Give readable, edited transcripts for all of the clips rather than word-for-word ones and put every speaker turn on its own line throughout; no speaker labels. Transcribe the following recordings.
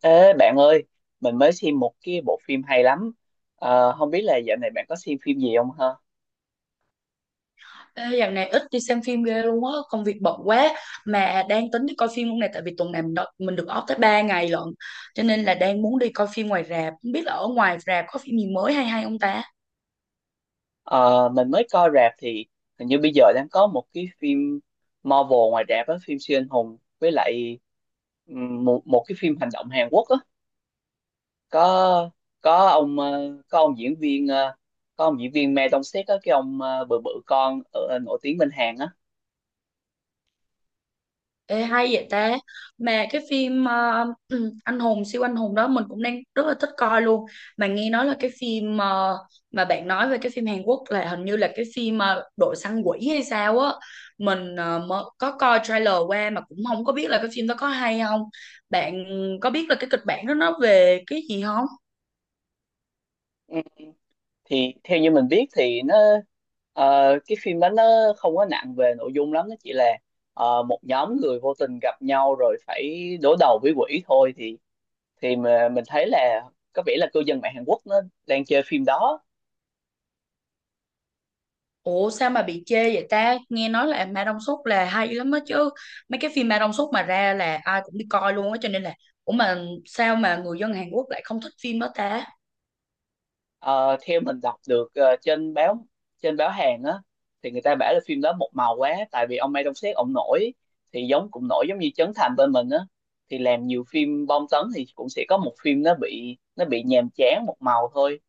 Ê bạn ơi, mình mới xem một cái bộ phim hay lắm. Không biết là dạo này bạn có xem phim gì không ha?
Ê, dạo này ít đi xem phim ghê luôn á, công việc bận quá mà đang tính đi coi phim hôm nay tại vì tuần này mình được off tới 3 ngày lận. Cho nên là đang muốn đi coi phim ngoài rạp, không biết là ở ngoài rạp có phim gì mới hay hay không ta?
Ờ, mình mới coi rạp thì hình như bây giờ đang có một cái phim Marvel ngoài rạp á, phim siêu anh hùng với lại một một cái phim hành động Hàn Quốc á. Có có ông ờ, có ông diễn viên ờ, có ông diễn viên Ma Dong Seok á, cái ông bự bự con ở, nổi tiếng bên Hàn á.
Ê, hay vậy ta, mà cái phim anh hùng siêu anh hùng đó mình cũng đang rất là thích coi luôn, mà nghe nói là cái phim mà bạn nói về cái phim Hàn Quốc là hình như là cái phim đội săn quỷ hay sao á. Mình mới có coi trailer qua mà cũng không có biết là cái phim đó có hay không. Bạn có biết là cái kịch bản đó nó về cái gì không?
Ừ. Thì theo như mình biết thì cái phim đó nó không có nặng về nội dung lắm, nó chỉ là một nhóm người vô tình gặp nhau rồi phải đối đầu với quỷ thôi. Thì mà mình thấy là có vẻ là cư dân mạng Hàn Quốc nó đang chơi phim đó.
Ủa sao mà bị chê vậy ta? Nghe nói là Ma Đông Súc là hay lắm á chứ. Mấy cái phim Ma Đông Súc mà ra là ai cũng đi coi luôn á, cho nên là ủa mà sao mà người dân Hàn Quốc lại không thích phim đó ta?
Ờ, theo mình đọc được trên báo Hàn á, thì người ta bảo là phim đó một màu quá, tại vì ông Mai Đông Sét ông nổi thì giống, cũng nổi giống như Trấn Thành bên mình á, thì làm nhiều phim bom tấn thì cũng sẽ có một phim nó bị nhàm chán một màu thôi.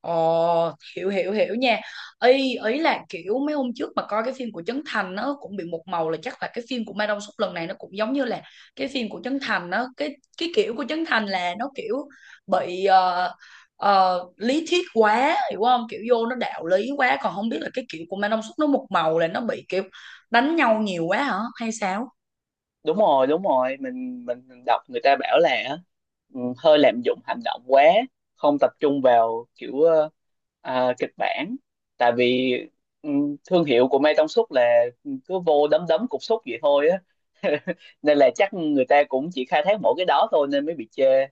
Ồ, hiểu hiểu hiểu nha. Ý ý là kiểu mấy hôm trước mà coi cái phim của Trấn Thành nó cũng bị một màu, là chắc là cái phim của Mai Đông Súp lần này nó cũng giống như là cái phim của Trấn Thành. Nó cái kiểu của Trấn Thành là nó kiểu bị lý thuyết quá, hiểu không? Kiểu vô nó đạo lý quá, còn không biết là cái kiểu của Mai Đông Súp nó một màu là nó bị kiểu đánh nhau nhiều quá hả hay sao?
Đúng rồi, đúng rồi, mình đọc người ta bảo là hơi lạm dụng hành động quá, không tập trung vào kiểu kịch bản, tại vì ừ, thương hiệu của Mai Tông Súp là cứ vô đấm đấm cục súc vậy thôi á nên là chắc người ta cũng chỉ khai thác mỗi cái đó thôi nên mới bị chê.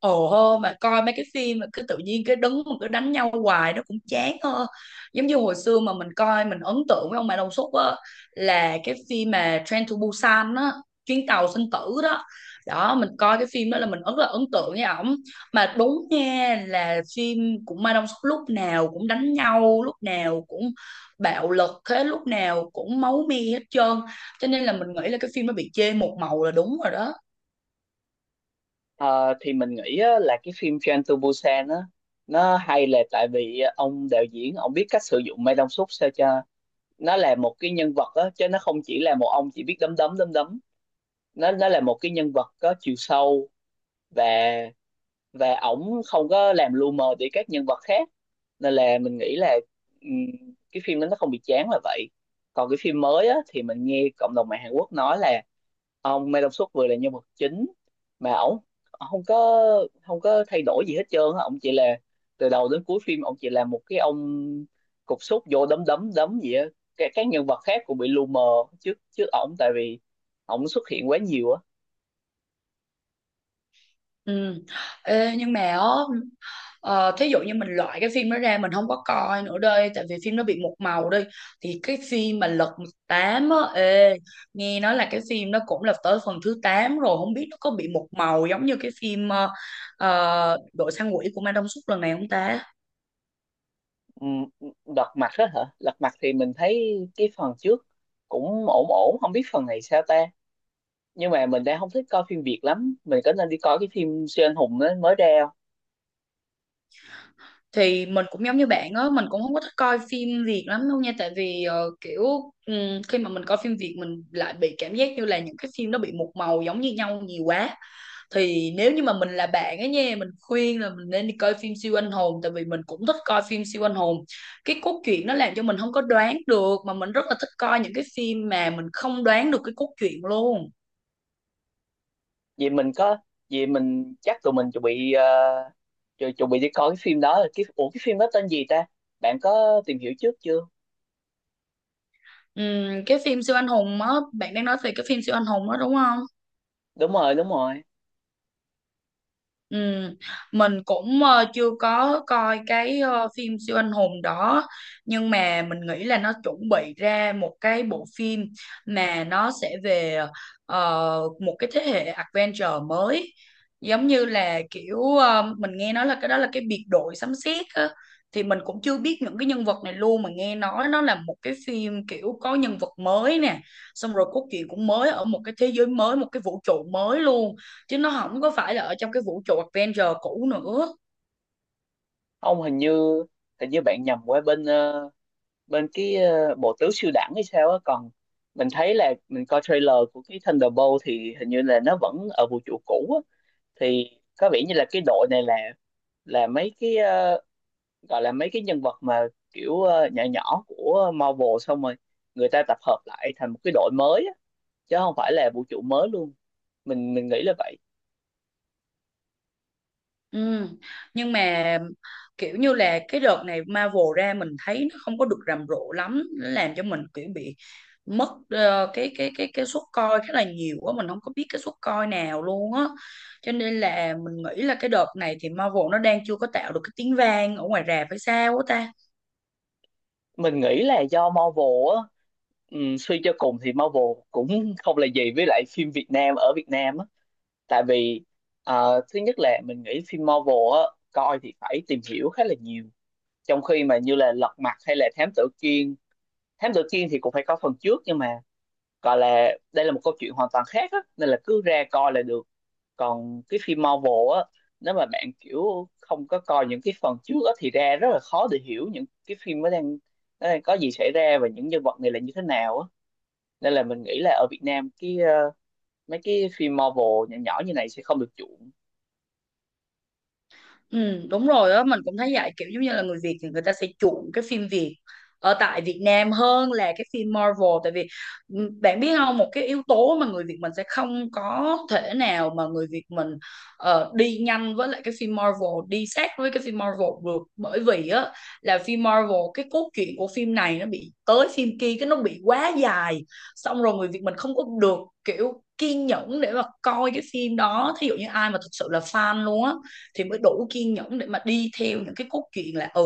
Ồ hô, mà coi mấy cái phim mà cứ tự nhiên cái đứng mà cứ đánh nhau hoài nó cũng chán hơn. Giống như hồi xưa mà mình coi, mình ấn tượng với ông Mai Đông Xuất á, là cái phim mà Train to Busan á, chuyến tàu sinh tử đó. Đó, mình coi cái phim đó là mình rất là ấn tượng với ổng, mà đúng nha, là phim của Mai Đông Xuất lúc nào cũng đánh nhau, lúc nào cũng bạo lực thế, lúc nào cũng máu me hết trơn, cho nên là mình nghĩ là cái phim nó bị chê một màu là đúng rồi đó.
Ờ, thì mình nghĩ á, là cái phim Train to Busan á nó hay là tại vì ông đạo diễn ông biết cách sử dụng Mai Tông Súp sao cho nó là một cái nhân vật á, chứ nó không chỉ là một ông chỉ biết đấm đấm đấm đấm. Nó là một cái nhân vật có chiều sâu, và và ổng không có làm lu mờ đi các nhân vật khác, nên là mình nghĩ là ừm, cái phim đó nó không bị chán là vậy. Còn cái phim mới á, thì mình nghe cộng đồng mạng Hàn Quốc nói là ông Mae Dong Suk vừa là nhân vật chính mà ổng ổng không có thay đổi gì hết trơn á, ổng chỉ là từ đầu đến cuối phim ổng chỉ là một cái ông cục súc vô đấm đấm đấm gì á. Các nhân vật khác cũng bị lu mờ trước trước ổng, tại vì ổng xuất hiện quá nhiều á.
Ừ. Ê, nhưng mà á, ờ, thí dụ như mình loại cái phim đó ra, mình không có coi nữa đây tại vì phim nó bị một màu đi, thì cái phim mà Lật Mặt Tám á ê, nghe nói là cái phim nó cũng là tới phần thứ 8 rồi, không biết nó có bị một màu giống như cái phim Đội săn quỷ của Ma Đông Súc lần này không ta?
Ừ, Lật Mặt đó hả? Lật Mặt thì mình thấy cái phần trước cũng ổn ổn, không biết phần này sao ta. Nhưng mà mình đang không thích coi phim Việt lắm. Mình có nên đi coi cái phim siêu anh hùng đó mới ra không?
Thì mình cũng giống như bạn á, mình cũng không có thích coi phim Việt lắm đâu nha, tại vì kiểu khi mà mình coi phim Việt mình lại bị cảm giác như là những cái phim nó bị một màu giống như nhau nhiều quá. Thì nếu như mà mình là bạn ấy nha, mình khuyên là mình nên đi coi phim siêu anh hùng, tại vì mình cũng thích coi phim siêu anh hùng, cái cốt truyện nó làm cho mình không có đoán được, mà mình rất là thích coi những cái phim mà mình không đoán được cái cốt truyện luôn.
Vì mình có, vì mình chắc tụi mình chuẩn bị chuẩn bị đi coi cái phim đó. Ủa cái phim đó tên gì ta? Bạn có tìm hiểu trước chưa?
Cái phim siêu anh hùng á, bạn đang nói về cái phim siêu anh hùng đó đúng không?
Đúng rồi, đúng rồi.
Ừ, mình cũng chưa có coi cái phim siêu anh hùng đó, nhưng mà mình nghĩ là nó chuẩn bị ra một cái bộ phim mà nó sẽ về một cái thế hệ adventure mới, giống như là kiểu mình nghe nói là cái đó là cái biệt đội sấm sét á. Thì mình cũng chưa biết những cái nhân vật này luôn, mà nghe nói nó là một cái phim kiểu có nhân vật mới nè, xong rồi cốt truyện cũng mới, ở một cái thế giới mới, một cái vũ trụ mới luôn, chứ nó không có phải là ở trong cái vũ trụ Avenger cũ nữa.
Ông hình như bạn nhầm qua bên bộ tứ siêu đẳng hay sao á, còn mình thấy là mình coi trailer của cái Thunderbolt thì hình như là nó vẫn ở vũ trụ cũ á. Thì có vẻ như là cái đội này là mấy cái gọi là mấy cái nhân vật mà kiểu nhỏ nhỏ của Marvel, xong rồi người ta tập hợp lại thành một cái đội mới á, chứ không phải là vũ trụ mới luôn. Mình nghĩ là vậy.
Ừ. Nhưng mà kiểu như là cái đợt này Marvel ra mình thấy nó không có được rầm rộ lắm, nó làm cho mình kiểu bị mất cái suất coi khá là nhiều quá, mình không có biết cái suất coi nào luôn á, cho nên là mình nghĩ là cái đợt này thì Marvel nó đang chưa có tạo được cái tiếng vang ở ngoài rạp hay sao á ta.
Mình nghĩ là do Marvel á. Suy cho cùng thì Marvel cũng không là gì với lại phim Việt Nam ở Việt Nam á, tại vì thứ nhất là mình nghĩ phim Marvel á, coi thì phải tìm hiểu khá là nhiều, trong khi mà như là Lật Mặt hay là Thám Tử Kiên. Thám Tử Kiên thì cũng phải có phần trước nhưng mà gọi là đây là một câu chuyện hoàn toàn khác á, nên là cứ ra coi là được. Còn cái phim Marvel á, nếu mà bạn kiểu không có coi những cái phần trước á thì ra rất là khó để hiểu những cái phim nó đang có gì xảy ra và những nhân vật này là như thế nào á. Nên là mình nghĩ là ở Việt Nam cái mấy cái phim Marvel nhỏ nhỏ như này sẽ không được chuộng.
Ừ, đúng rồi đó, mình cũng thấy vậy, kiểu giống như là người Việt thì người ta sẽ chuộng cái phim Việt ở tại Việt Nam hơn là cái phim Marvel, tại vì ừ, bạn biết không, một cái yếu tố mà người Việt mình sẽ không có thể nào mà người Việt mình đi nhanh với lại cái phim Marvel, đi sát với cái phim Marvel được, bởi vì á là phim Marvel cái cốt truyện của phim này nó bị tới phim kia cái nó bị quá dài, xong rồi người Việt mình không có được kiểu kiên nhẫn để mà coi cái phim đó. Thí dụ như ai mà thực sự là fan luôn á thì mới đủ kiên nhẫn để mà đi theo những cái cốt truyện, là ừ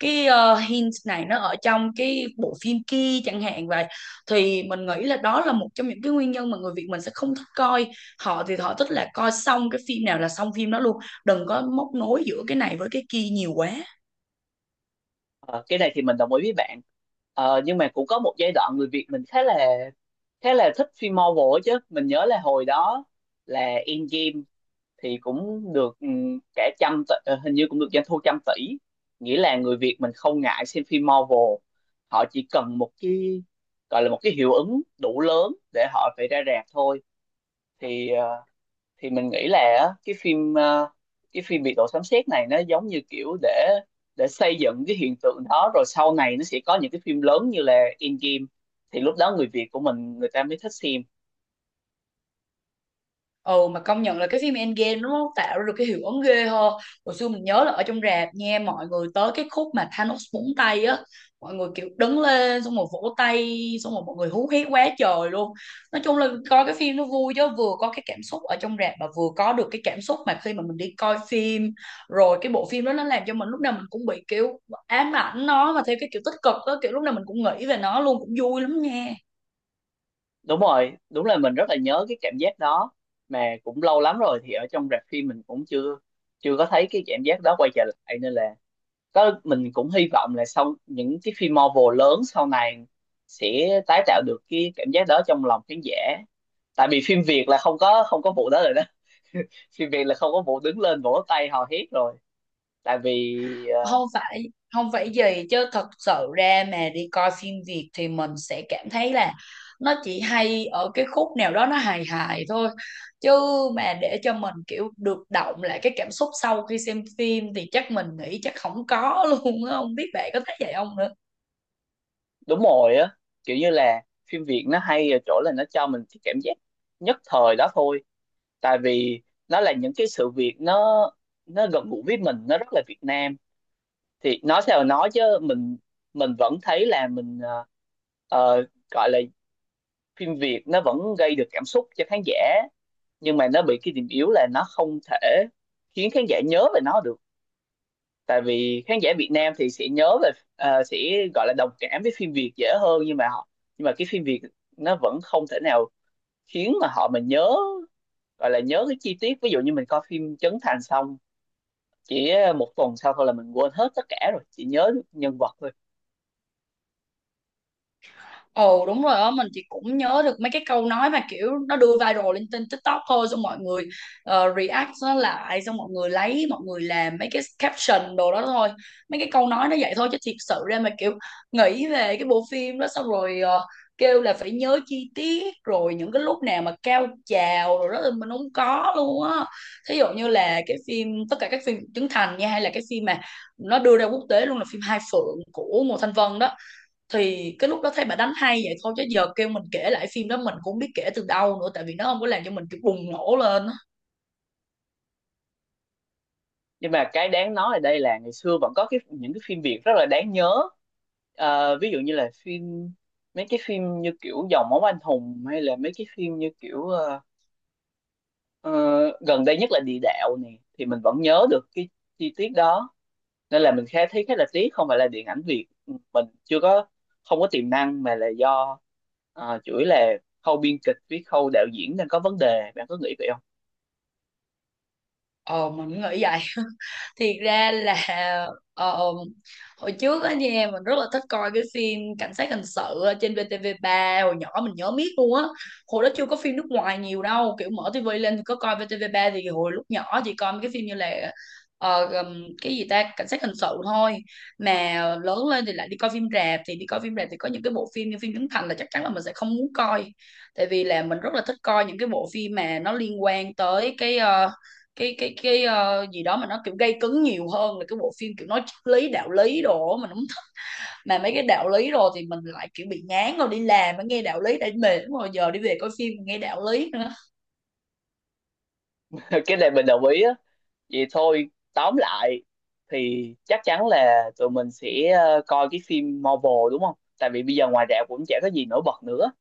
cái hint này nó ở trong cái bộ phim kia chẳng hạn vậy. Thì mình nghĩ là đó là một trong những cái nguyên nhân mà người Việt mình sẽ không thích coi. Họ thì họ thích là coi xong cái phim nào là xong phim đó luôn, đừng có móc nối giữa cái này với cái kia nhiều quá.
Ờ, cái này thì mình đồng ý với bạn. Nhưng mà cũng có một giai đoạn người Việt mình khá là thích phim Marvel ấy chứ. Mình nhớ là hồi đó là Endgame thì cũng được cả trăm tỷ, hình như cũng được doanh thu trăm tỷ, nghĩa là người Việt mình không ngại xem phim Marvel, họ chỉ cần một cái gọi là một cái hiệu ứng đủ lớn để họ phải ra rạp thôi. Thì ờ, thì mình nghĩ là á, cái phim biệt đội sấm sét này nó giống như kiểu để xây dựng cái hiện tượng đó, rồi sau này nó sẽ có những cái phim lớn như là Endgame thì lúc đó người Việt của mình người ta mới thích xem.
Ừ, mà công nhận là cái phim Endgame nó tạo ra được cái hiệu ứng ghê ho. Hồi xưa mình nhớ là ở trong rạp nha, mọi người tới cái khúc mà Thanos búng tay á, mọi người kiểu đứng lên xong rồi vỗ tay, xong rồi mọi người hú hét quá trời luôn. Nói chung là coi cái phim nó vui, chứ vừa có cái cảm xúc ở trong rạp, mà vừa có được cái cảm xúc mà khi mà mình đi coi phim, rồi cái bộ phim đó nó làm cho mình lúc nào mình cũng bị kiểu ám ảnh nó, mà theo cái kiểu tích cực á, kiểu lúc nào mình cũng nghĩ về nó luôn, cũng vui lắm nha.
Đúng rồi, đúng là mình rất là nhớ cái cảm giác đó, mà cũng lâu lắm rồi thì ở trong rạp phim mình cũng chưa chưa có thấy cái cảm giác đó quay trở lại. Nên là có, mình cũng hy vọng là sau những cái phim Marvel lớn sau này sẽ tái tạo được cái cảm giác đó trong lòng khán giả, tại vì phim Việt là không có, vụ đó rồi đó. Phim Việt là không có vụ đứng lên vỗ tay hò hét rồi, tại vì
Không phải không phải gì chứ, thật sự ra mà đi coi phim Việt thì mình sẽ cảm thấy là nó chỉ hay ở cái khúc nào đó nó hài hài thôi, chứ mà để cho mình kiểu được động lại cái cảm xúc sau khi xem phim thì chắc mình nghĩ chắc không có luôn á, không biết bạn có thấy vậy không nữa.
đúng rồi á. Kiểu như là phim Việt nó hay ở chỗ là nó cho mình cái cảm giác nhất thời đó thôi, tại vì nó là những cái sự việc nó gần gũi với mình, nó rất là Việt Nam. Thì nói sao nói chứ mình vẫn thấy là mình ờ, gọi là phim Việt nó vẫn gây được cảm xúc cho khán giả, nhưng mà nó bị cái điểm yếu là nó không thể khiến khán giả nhớ về nó được. Tại vì khán giả Việt Nam thì sẽ nhớ về sẽ gọi là đồng cảm với phim Việt dễ hơn, nhưng mà cái phim Việt nó vẫn không thể nào khiến mà họ mà nhớ, gọi là nhớ cái chi tiết. Ví dụ như mình coi phim Trấn Thành xong chỉ một tuần sau thôi là mình quên hết tất cả rồi, chỉ nhớ được nhân vật thôi.
Ồ đúng rồi á, mình thì cũng nhớ được mấy cái câu nói mà kiểu nó đưa viral lên trên TikTok thôi, xong mọi người react nó lại, xong mọi người lấy, mọi người làm mấy cái caption đồ đó thôi. Mấy cái câu nói nó vậy thôi, chứ thiệt sự ra mà kiểu nghĩ về cái bộ phim đó xong rồi kêu là phải nhớ chi tiết rồi những cái lúc nào mà cao trào rồi đó thì mình không có luôn á. Thí dụ như là cái phim, tất cả các phim Trấn Thành nha, hay là cái phim mà nó đưa ra quốc tế luôn là phim Hai Phượng của Ngô Thanh Vân đó, thì cái lúc đó thấy bà đánh hay vậy thôi, chứ giờ kêu mình kể lại phim đó mình cũng không biết kể từ đâu nữa, tại vì nó không có làm cho mình kiểu bùng nổ lên.
Nhưng mà cái đáng nói ở đây là ngày xưa vẫn có cái, những cái phim Việt rất là đáng nhớ. Ví dụ như là mấy cái phim như kiểu Dòng Máu Anh Hùng, hay là mấy cái phim như kiểu ờ, gần đây nhất là Địa Đạo này, thì mình vẫn nhớ được cái chi tiết đó. Nên là mình khá thấy khá là tiếc, không phải là điện ảnh Việt mình chưa có không có tiềm năng, mà là do chủ yếu là khâu biên kịch với khâu đạo diễn đang có vấn đề. Bạn có nghĩ vậy không?
Ờ mình cũng nghĩ vậy. Thiệt ra là ờ, ờ, hồi trước á nha, mình rất là thích coi cái phim cảnh sát hình sự ở trên VTV3 hồi nhỏ, mình nhớ miết luôn á. Hồi đó chưa có phim nước ngoài nhiều đâu, kiểu mở tivi lên thì có coi VTV3, thì hồi lúc nhỏ chỉ coi mấy cái phim như là cái gì ta, cảnh sát hình sự thôi. Mà lớn lên thì lại đi coi phim rạp, thì đi coi phim rạp thì có những cái bộ phim như phim Trấn Thành là chắc chắn là mình sẽ không muốn coi, tại vì là mình rất là thích coi những cái bộ phim mà nó liên quan tới cái gì đó mà nó kiểu gây cấn nhiều hơn là cái bộ phim kiểu nói triết lý đạo lý đồ, mà đúng mà mấy cái đạo lý rồi thì mình lại kiểu bị ngán rồi, đi làm mà nghe đạo lý đã mệt rồi, giờ đi về coi phim nghe đạo lý nữa.
Cái này mình đồng ý á. Vậy thôi, tóm lại thì chắc chắn là tụi mình sẽ coi cái phim Marvel đúng không, tại vì bây giờ ngoài rạp cũng chả có gì nổi bật nữa.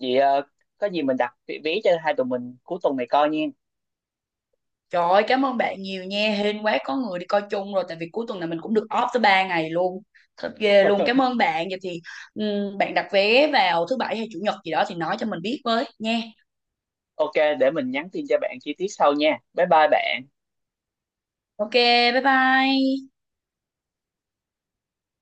Vậy có gì mình đặt vé vé cho hai tụi mình cuối tuần này coi nha.
Trời ơi cảm ơn bạn nhiều nha, hên quá có người đi coi chung rồi, tại vì cuối tuần này mình cũng được off tới 3 ngày luôn, thật ghê luôn. Cảm ơn bạn. Vậy thì bạn đặt vé vào thứ bảy hay chủ nhật gì đó thì nói cho mình biết với nha.
OK, để mình nhắn tin cho bạn chi tiết sau nha, bye bye bạn.
Ok, bye bye.